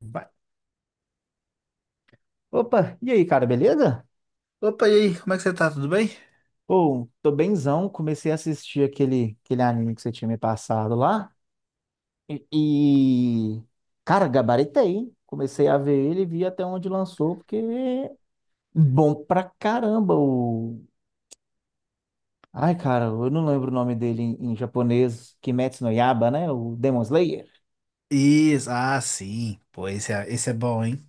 Vai. Opa, e aí, cara, beleza? Opa, e aí, como é que você tá? Tudo bem? Pô, tô bemzão, comecei a assistir aquele anime que você tinha me passado lá. E cara, gabaritei, hein? Comecei a ver ele e vi até onde lançou, porque é bom pra caramba o. Ai, cara, eu não lembro o nome dele em japonês. Kimetsu no Yaiba, né? O Demon Slayer. Isso, ah, sim. Pô, esse é bom, hein?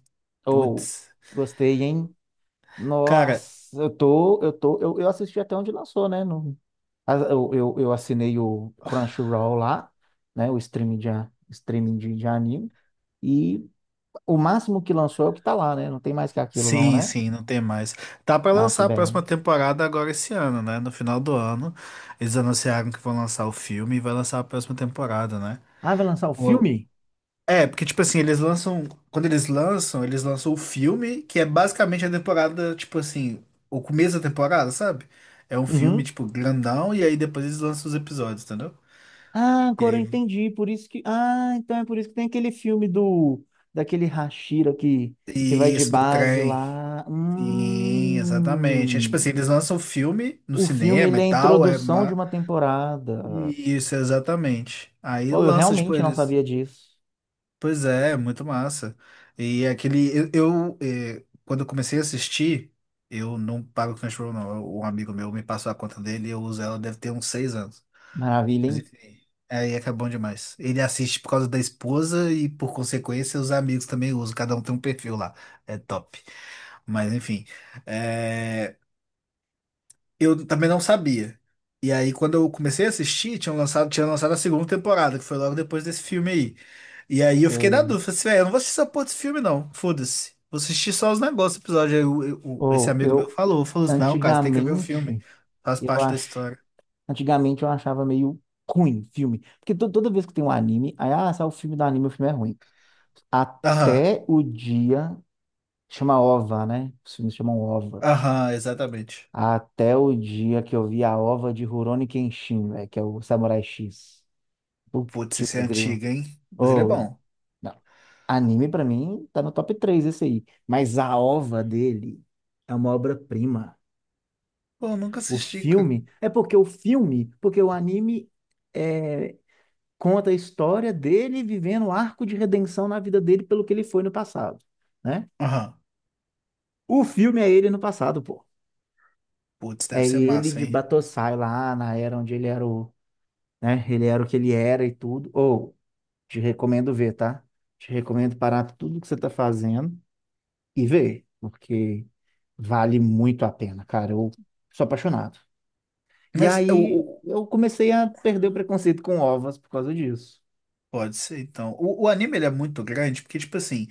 Ou, Putz. gostei, hein? Cara, Nossa, eu assisti até onde lançou, né? No, a- eu assinei o Crunchyroll lá, né? O streaming de anime. E o máximo que lançou é o que tá lá, né? Não tem mais que aquilo, não, sim, né? sim, não tem mais. Tá pra Ah, que lançar a BR. próxima temporada agora esse ano, né? No final do ano, eles anunciaram que vão lançar o filme e vai lançar a próxima temporada, né? Ah, vai lançar o Pô, filme? é, porque, tipo assim, eles lançam. Quando eles lançam o filme, que é basicamente a temporada, tipo assim, o começo da temporada, sabe? É um filme, Uhum. tipo, grandão, e aí depois eles lançam os episódios, entendeu? Ah, E agora eu aí entendi. Por isso que. Ah, então é por isso que tem aquele filme do. Daquele Hashira que vai de isso, do base trem. lá. Sim, exatamente. É tipo assim, Hum. eles lançam o filme no O filme, cinema ele e é a tal, é introdução de ma... uma temporada. Isso, exatamente. Aí Oh, eu lança, tipo, realmente não eles. sabia disso. Pois é, muito massa. E aquele. Quando eu comecei a assistir, eu não pago o Crunchyroll, não. Um amigo meu me passou a conta dele e eu uso ela, deve ter uns 6 anos. Maravilha, Mas hein? enfim, aí é que é bom demais. Ele assiste por causa da esposa e, por consequência, os amigos também usam. Cada um tem um perfil lá. É top. Mas enfim, é, eu também não sabia. E aí, quando eu comecei a assistir, tinha lançado a segunda temporada, que foi logo depois desse filme aí. E aí eu fiquei na Sei. dúvida, falei assim, velho, eu não vou assistir essa porra desse filme, não. Foda-se. Vou assistir só os negócios do episódio. Aí esse Oh, amigo meu falou, falou assim, não, cara, você tem que ver o filme. antigamente, Faz eu parte da acho, história. antigamente eu achava meio ruim filme, porque toda vez que tem um anime, aí sai o filme do anime, o filme é ruim. Aham, Até o dia chama OVA, né? Os filmes chamam OVAs. aham, exatamente. Até o dia que eu vi a OVA de Rurouni Kenshin, velho, que é o Samurai X. Putz, esse Putz, é grilo. antigo, hein? Mas ele é Oh, bom. não. Anime pra mim tá no top 3 esse aí. Mas a ova dele é uma obra-prima. Pô, eu nunca O assisti, cara. filme é porque o filme, porque o anime é, conta a história dele vivendo o arco de redenção na vida dele pelo que ele foi no passado, né? Aham. O filme é ele no passado, pô. Putz, deve É ser ele massa, de hein? Batosai lá na era onde ele era o, né? Ele era o que ele era e tudo. Ou te recomendo ver, tá? Te recomendo parar tudo que você tá fazendo e vê, porque vale muito a pena, cara. Eu sou apaixonado. E Mas o, aí o- eu comecei a perder o preconceito com ovas por causa disso. pode ser, então. O anime ele é muito grande, porque, tipo assim,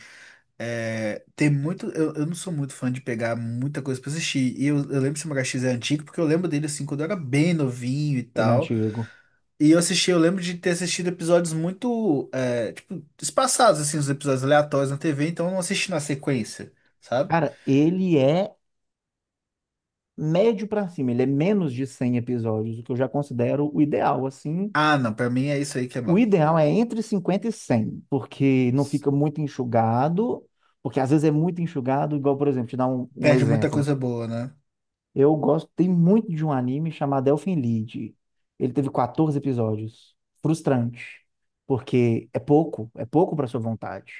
é, tem muito. Eu não sou muito fã de pegar muita coisa pra assistir. E eu lembro que Samurai X é antigo, porque eu lembro dele assim, quando eu era bem novinho e Ele é tal. antigo. E eu assisti, eu lembro de ter assistido episódios muito, é, tipo, espaçados, assim, os episódios aleatórios na TV, então eu não assisti na sequência, sabe? Cara, ele é médio pra cima, ele é menos de 100 episódios, o que eu já considero o ideal, assim. Ah, não, pra mim é isso aí que é O bom. ideal é entre 50 e 100 porque não fica muito enxugado, porque às vezes é muito enxugado, igual, por exemplo, te dar um Perde muita exemplo. coisa boa, né? Eu gostei muito de um anime chamado Elfen Lied. Ele teve 14 episódios. Frustrante, porque é pouco para sua vontade,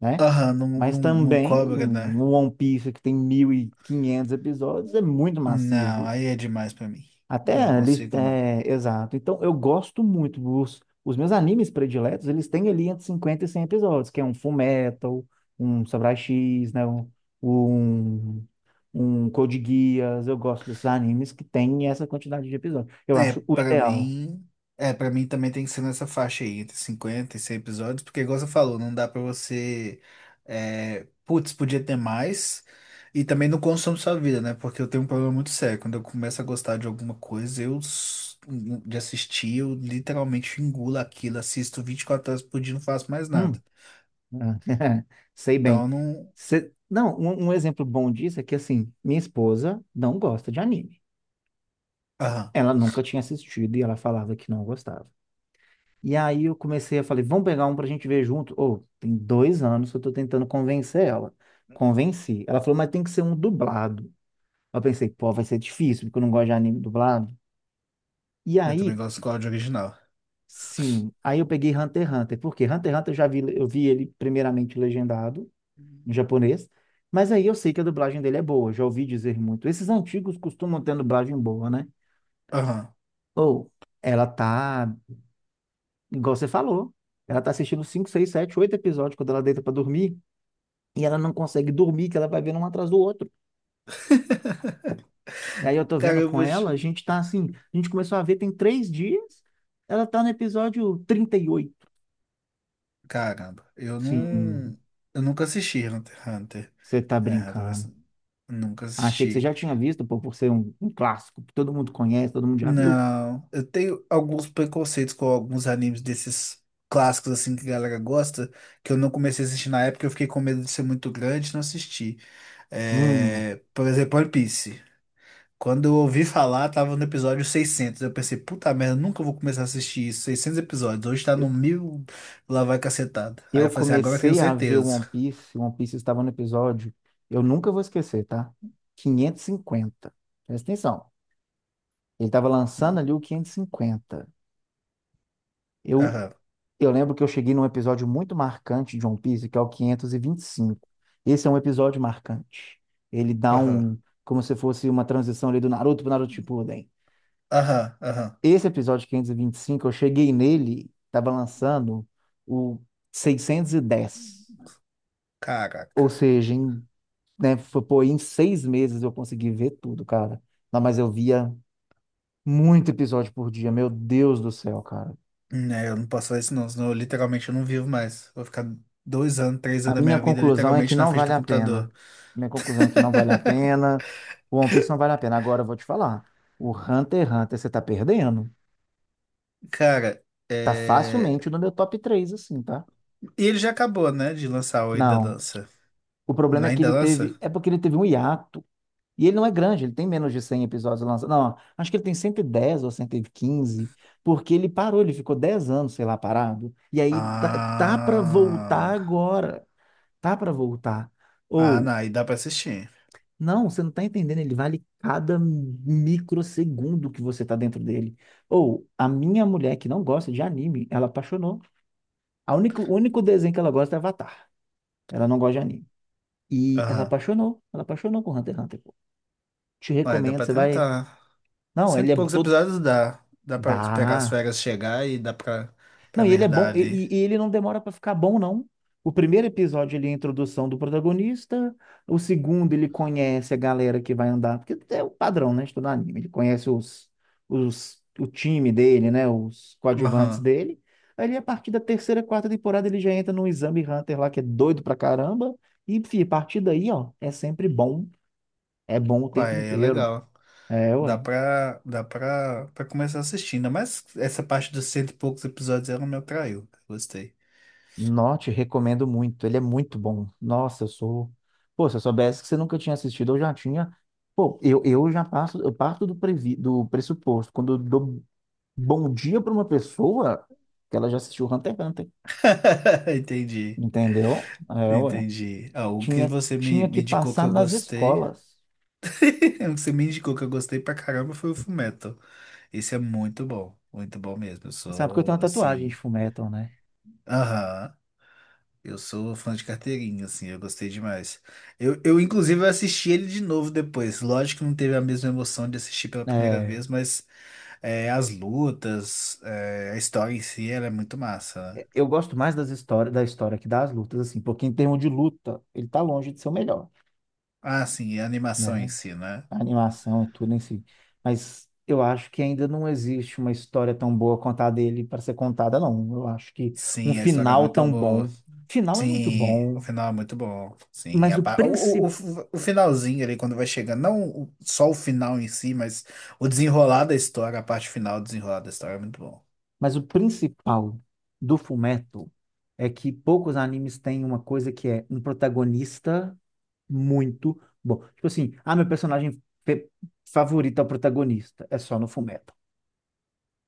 né? Aham, não, Mas não, não também cobra, um né? One Piece que tem 1.500 episódios é muito Não, massivo. aí é demais pra mim. Até Eu não ali, consigo, não. é, exato. Então eu gosto muito dos os meus animes prediletos, eles têm ali entre 50 e 100 episódios, que é um Fullmetal, um Samurai X, né? Um um Code Geass, eu gosto desses animes que tem essa quantidade de episódios. Eu É, acho o pra ideal. mim. É, pra mim também tem que ser nessa faixa aí, entre 50 e 100 episódios, porque, igual você falou, não dá pra você. É, putz, podia ter mais. E também não consome sua vida, né? Porque eu tenho um problema muito sério. Quando eu começo a gostar de alguma coisa, de assistir, eu literalmente engulo aquilo, assisto 24 horas por dia, não faço mais nada. Hum, é, sei Então, bem. eu não. Não, um exemplo bom disso é que, assim, minha esposa não gosta de anime. Ela nunca tinha assistido e ela falava que não gostava. E aí eu comecei a falar, vamos pegar um pra gente ver junto. Ô, tem 2 anos que eu tô tentando convencer ela. Convenci. Ela falou, mas tem que ser um dublado. Eu pensei, pô, vai ser difícil, porque eu não gosto de anime dublado. E Eu também aí, gosto do código original. sim, aí eu peguei Hunter x Hunter, porque Hunter x Hunter eu já vi, eu vi ele primeiramente legendado em japonês, mas aí eu sei que a dublagem dele é boa, já ouvi dizer muito. Esses antigos costumam ter dublagem boa, né? Aham. Ou ela tá, igual você falou, ela tá assistindo 5 6 7 8 episódios quando ela deita pra dormir, e ela não consegue dormir, que ela vai vendo um atrás do outro. E aí eu tô Cara, vendo eu com vou. te- ela, a gente tá assim, a gente começou a ver tem 3 dias, ela tá no episódio 38. Caramba, eu Sim, não. Eu nunca assisti Hunter x Hunter. você tá É, brincando. Hunter. Nunca Achei que você assisti. já tinha visto, pô, por ser um clássico que todo mundo conhece, todo mundo já viu. Não, eu tenho alguns preconceitos com alguns animes desses clássicos assim que a galera gosta, que eu não comecei a assistir na época, eu fiquei com medo de ser muito grande e não assisti. Hum, É, por exemplo, One Piece. Quando eu ouvi falar, tava no episódio 600. Eu pensei, puta merda, nunca vou começar a assistir isso. 600 episódios. Hoje tá eu no mil, lá vai cacetada. Aí eu eu falei assim, agora eu tenho comecei a ver certeza. One Piece, One Piece estava no episódio, eu nunca vou esquecer, tá? 550. Presta atenção. Ele estava lançando Hum, ali o 550. Eu, Aham, eu lembro que eu cheguei num episódio muito marcante de One Piece, que é o 525. Esse é um episódio marcante. Ele dá aham, um, como se fosse uma transição ali do Naruto pro Naruto Shippuden. aham, ahum. Esse episódio quinhentos e vinte e cinco eu cheguei nele, estava lançando o 610. Ou Caraca. seja, em, né, foi, pô, em 6 meses eu consegui ver tudo, cara. Não, mas eu via muito episódio por dia, meu Deus do céu, cara. Né, eu não posso fazer isso não, senão eu, literalmente eu não vivo mais. Vou ficar 2 anos, três A anos da minha minha vida conclusão é que literalmente na não frente vale do a computador. pena. Minha conclusão é que não vale a pena. O One Piece não vale a pena. Agora eu vou te falar. O Hunter x Hunter você tá perdendo. Cara, Tá é... facilmente no meu top 3 assim, tá? E ele já acabou, né, de lançar o Ainda Não. Lança. O problema Não é é que Ainda ele teve. Lança? É porque ele teve um hiato. E ele não é grande, ele tem menos de 100 episódios lançados. Não, acho que ele tem 110 ou 115, porque ele parou, ele ficou 10 anos, sei lá, parado. E aí tá para voltar Ah... agora. Tá para voltar. Ah, Ou, não, aí dá pra assistir. não, você não tá entendendo, ele vale cada microsegundo que você tá dentro dele. Ou, a minha mulher que não gosta de anime, ela apaixonou. A único o único desenho que ela gosta é Avatar. Ela não gosta de anime. E Aham. Ela apaixonou com Hunter x Hunter, pô. Te Olha, dá recomendo, pra você vai. tentar. Não, Cento ele e é poucos to- episódios dá. Dá pra esperar as Dá. férias chegar e pra Não, e ele é nerdar bom, e, ali. e- e ele não demora pra ficar bom, não. O primeiro episódio ele é a introdução do protagonista, o segundo ele conhece a galera que vai andar, porque é o padrão, né, de todo anime, ele conhece o time dele, né, os coadjuvantes Aham. dele, aí a partir da terceira, quarta temporada ele já entra no Exame Hunter lá, que é doido pra caramba, e, a partir daí, ó, é sempre bom, é bom o Ué, tempo é inteiro. legal. É, Dá ué. pra, dá pra, pra começar assistindo. Mas essa parte dos cento e poucos episódios ela me atraiu. Gostei. Note, recomendo muito. Ele é muito bom. Nossa, eu sou. Pô, se eu soubesse que você nunca tinha assistido, eu já tinha. Pô, eu parto do pressuposto. Quando eu dou bom dia para uma pessoa, que ela já assistiu Hunter x Hunter. Entendi. Entendeu? É, ué. Entendi. Ah, o que Tinha, você tinha me que indicou que passar eu nas gostei. escolas. O que você me indicou que eu gostei pra caramba foi o Fullmetal. Esse é muito bom. Muito bom mesmo. Eu Você sabe que eu tenho sou uma tatuagem de assim. Fullmetal, né? Aham. Eu sou fã de carteirinha, assim, eu gostei demais. Eu inclusive, assisti ele de novo depois. Lógico que não teve a mesma emoção de assistir pela primeira É, vez, mas é, as lutas, é, a história em si, ela é muito massa, né? Eu gosto mais das histórias, da história que das lutas, assim, porque em termos de luta, ele tá longe de ser o melhor, Ah, sim, e a animação em né? si, né? A animação e tudo em si. Mas eu acho que ainda não existe uma história tão boa quanto a dele para ser contada, não. Eu acho que um Sim, a história é final muito tão boa. bom. Final é muito Sim, o bom, final é muito bom. Sim, mas a o princi... o finalzinho ali, quando vai chegando, não o- só o final em si, mas o desenrolar da história, a parte final do desenrolar da história é muito bom. mas o principal do Fullmetal é que poucos animes têm uma coisa que é um protagonista muito bom. Tipo assim, meu personagem favorito é o protagonista. É só no Fullmetal.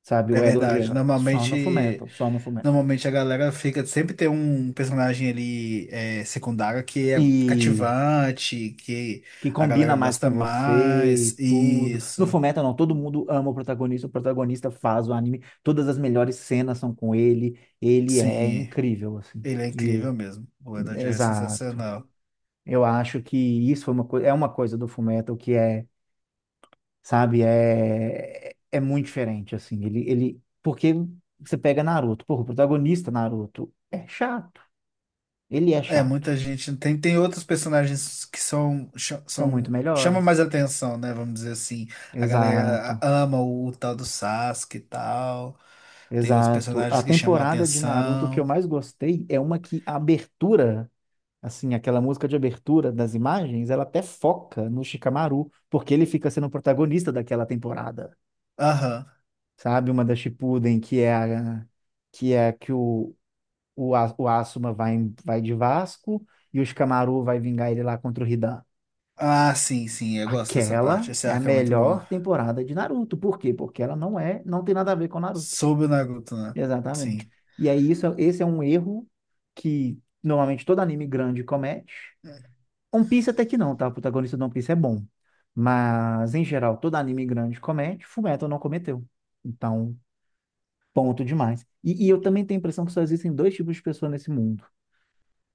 Sabe, É o Edward verdade, Elric, só no normalmente. Fullmetal, só no Fullmetal. Normalmente a galera fica, sempre tem um personagem ali é, secundário que é E cativante, que que a combina galera mais gosta com você e mais. tudo. No Isso, Fullmetal, não, todo mundo ama o protagonista faz o anime, todas as melhores cenas são com ele, ele é sim, incrível, assim. ele é E- incrível mesmo. O Edward é Exato. sensacional. Eu acho que isso foi uma coi- é uma coisa do Fullmetal que é, sabe, é muito diferente, assim. Porque você pega Naruto, porra, o protagonista Naruto é chato, ele é É, chato. muita gente tem, tem outros personagens que são, São muito são chamam mais melhores. atenção, né? Vamos dizer assim. A galera Exato. ama o, tal do Sasuke e tal. Tem outros Exato. A personagens que chamam a temporada de Naruto que eu atenção. mais gostei é uma que a abertura, assim, aquela música de abertura das imagens, ela até foca no Shikamaru, porque ele fica sendo o protagonista daquela temporada. Aham. Sabe, uma da Shippuden, que é a que o, o Asuma vai de Vasco e o Shikamaru vai vingar ele lá contra o Hidan. Ah, sim, sim, eu gosto dessa parte. Aquela Esse é a arco é muito bom. melhor temporada de Naruto. Por quê? Porque ela não é, não tem nada a ver com Naruto. Sobre o Naruto, né? Exatamente. Sim. E aí, isso, é, esse é um erro que normalmente todo anime grande comete. One Piece até que não, tá? O protagonista do One Piece é bom. Mas, em geral, todo anime grande comete, Fullmetal não cometeu. Então, ponto demais. E eu também tenho a impressão que só existem dois tipos de pessoa nesse mundo.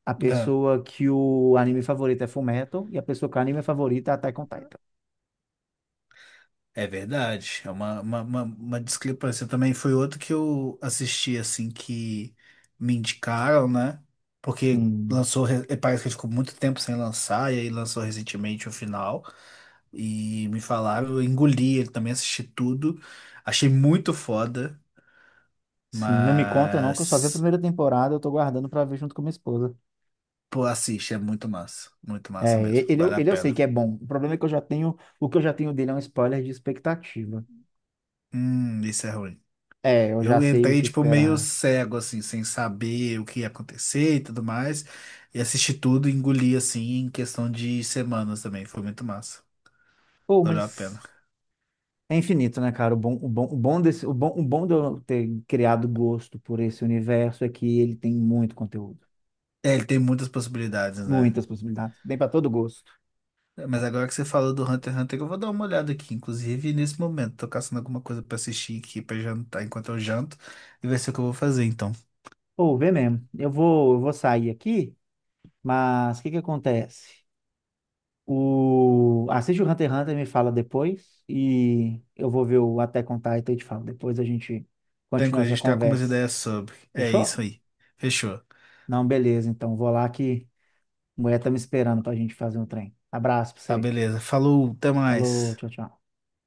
A É, pessoa que o anime favorito é Fullmetal e a pessoa que o anime favorito é Attack on Titan. é verdade. É uma discrepância. Também foi outro que eu assisti, assim, que me indicaram, né? Porque Sim, lançou, e parece que ficou muito tempo sem lançar, e aí lançou recentemente o final. E me falaram, eu engoli ele também, assisti tudo. Achei muito foda, sim, não me conta não, que eu só vi a mas. primeira temporada, eu tô guardando pra ver junto com minha esposa. Pô, assiste, é muito massa. Muito É, massa mesmo. Vale a ele eu sei pena. que é bom. O problema é que eu já tenho, o que eu já tenho dele é um spoiler de expectativa. Isso é ruim. É, eu já Eu sei o entrei, que tipo, meio esperar. cego, assim, sem saber o que ia acontecer e tudo mais. E assisti tudo e engoli, assim, em questão de semanas também. Foi muito massa. Pô, Valeu a pena. mas é infinito, né, cara? O bom de eu ter criado gosto por esse universo é que ele tem muito conteúdo, É, ele tem muitas possibilidades, né? muitas possibilidades, bem para todo gosto. É, mas agora que você falou do Hunter x Hunter, eu vou dar uma olhada aqui. Inclusive, nesse momento, tô caçando alguma coisa pra assistir aqui, pra jantar enquanto eu janto. E vai ser o que eu vou fazer, então. Pô, vê mesmo. Eu vou sair aqui, mas o que que acontece? Assiste o Hunter x Hunter e me fala depois. E eu vou ver o Attack on Titan e te falo. Depois a gente continua Tranquilo, a essa gente tem algumas conversa. ideias sobre. É isso Fechou? aí. Fechou. Não, beleza. Então vou lá que a mulher tá me esperando pra gente fazer um trem. Abraço pra Tá, você. beleza. Falou, até Falou, mais. tchau, tchau.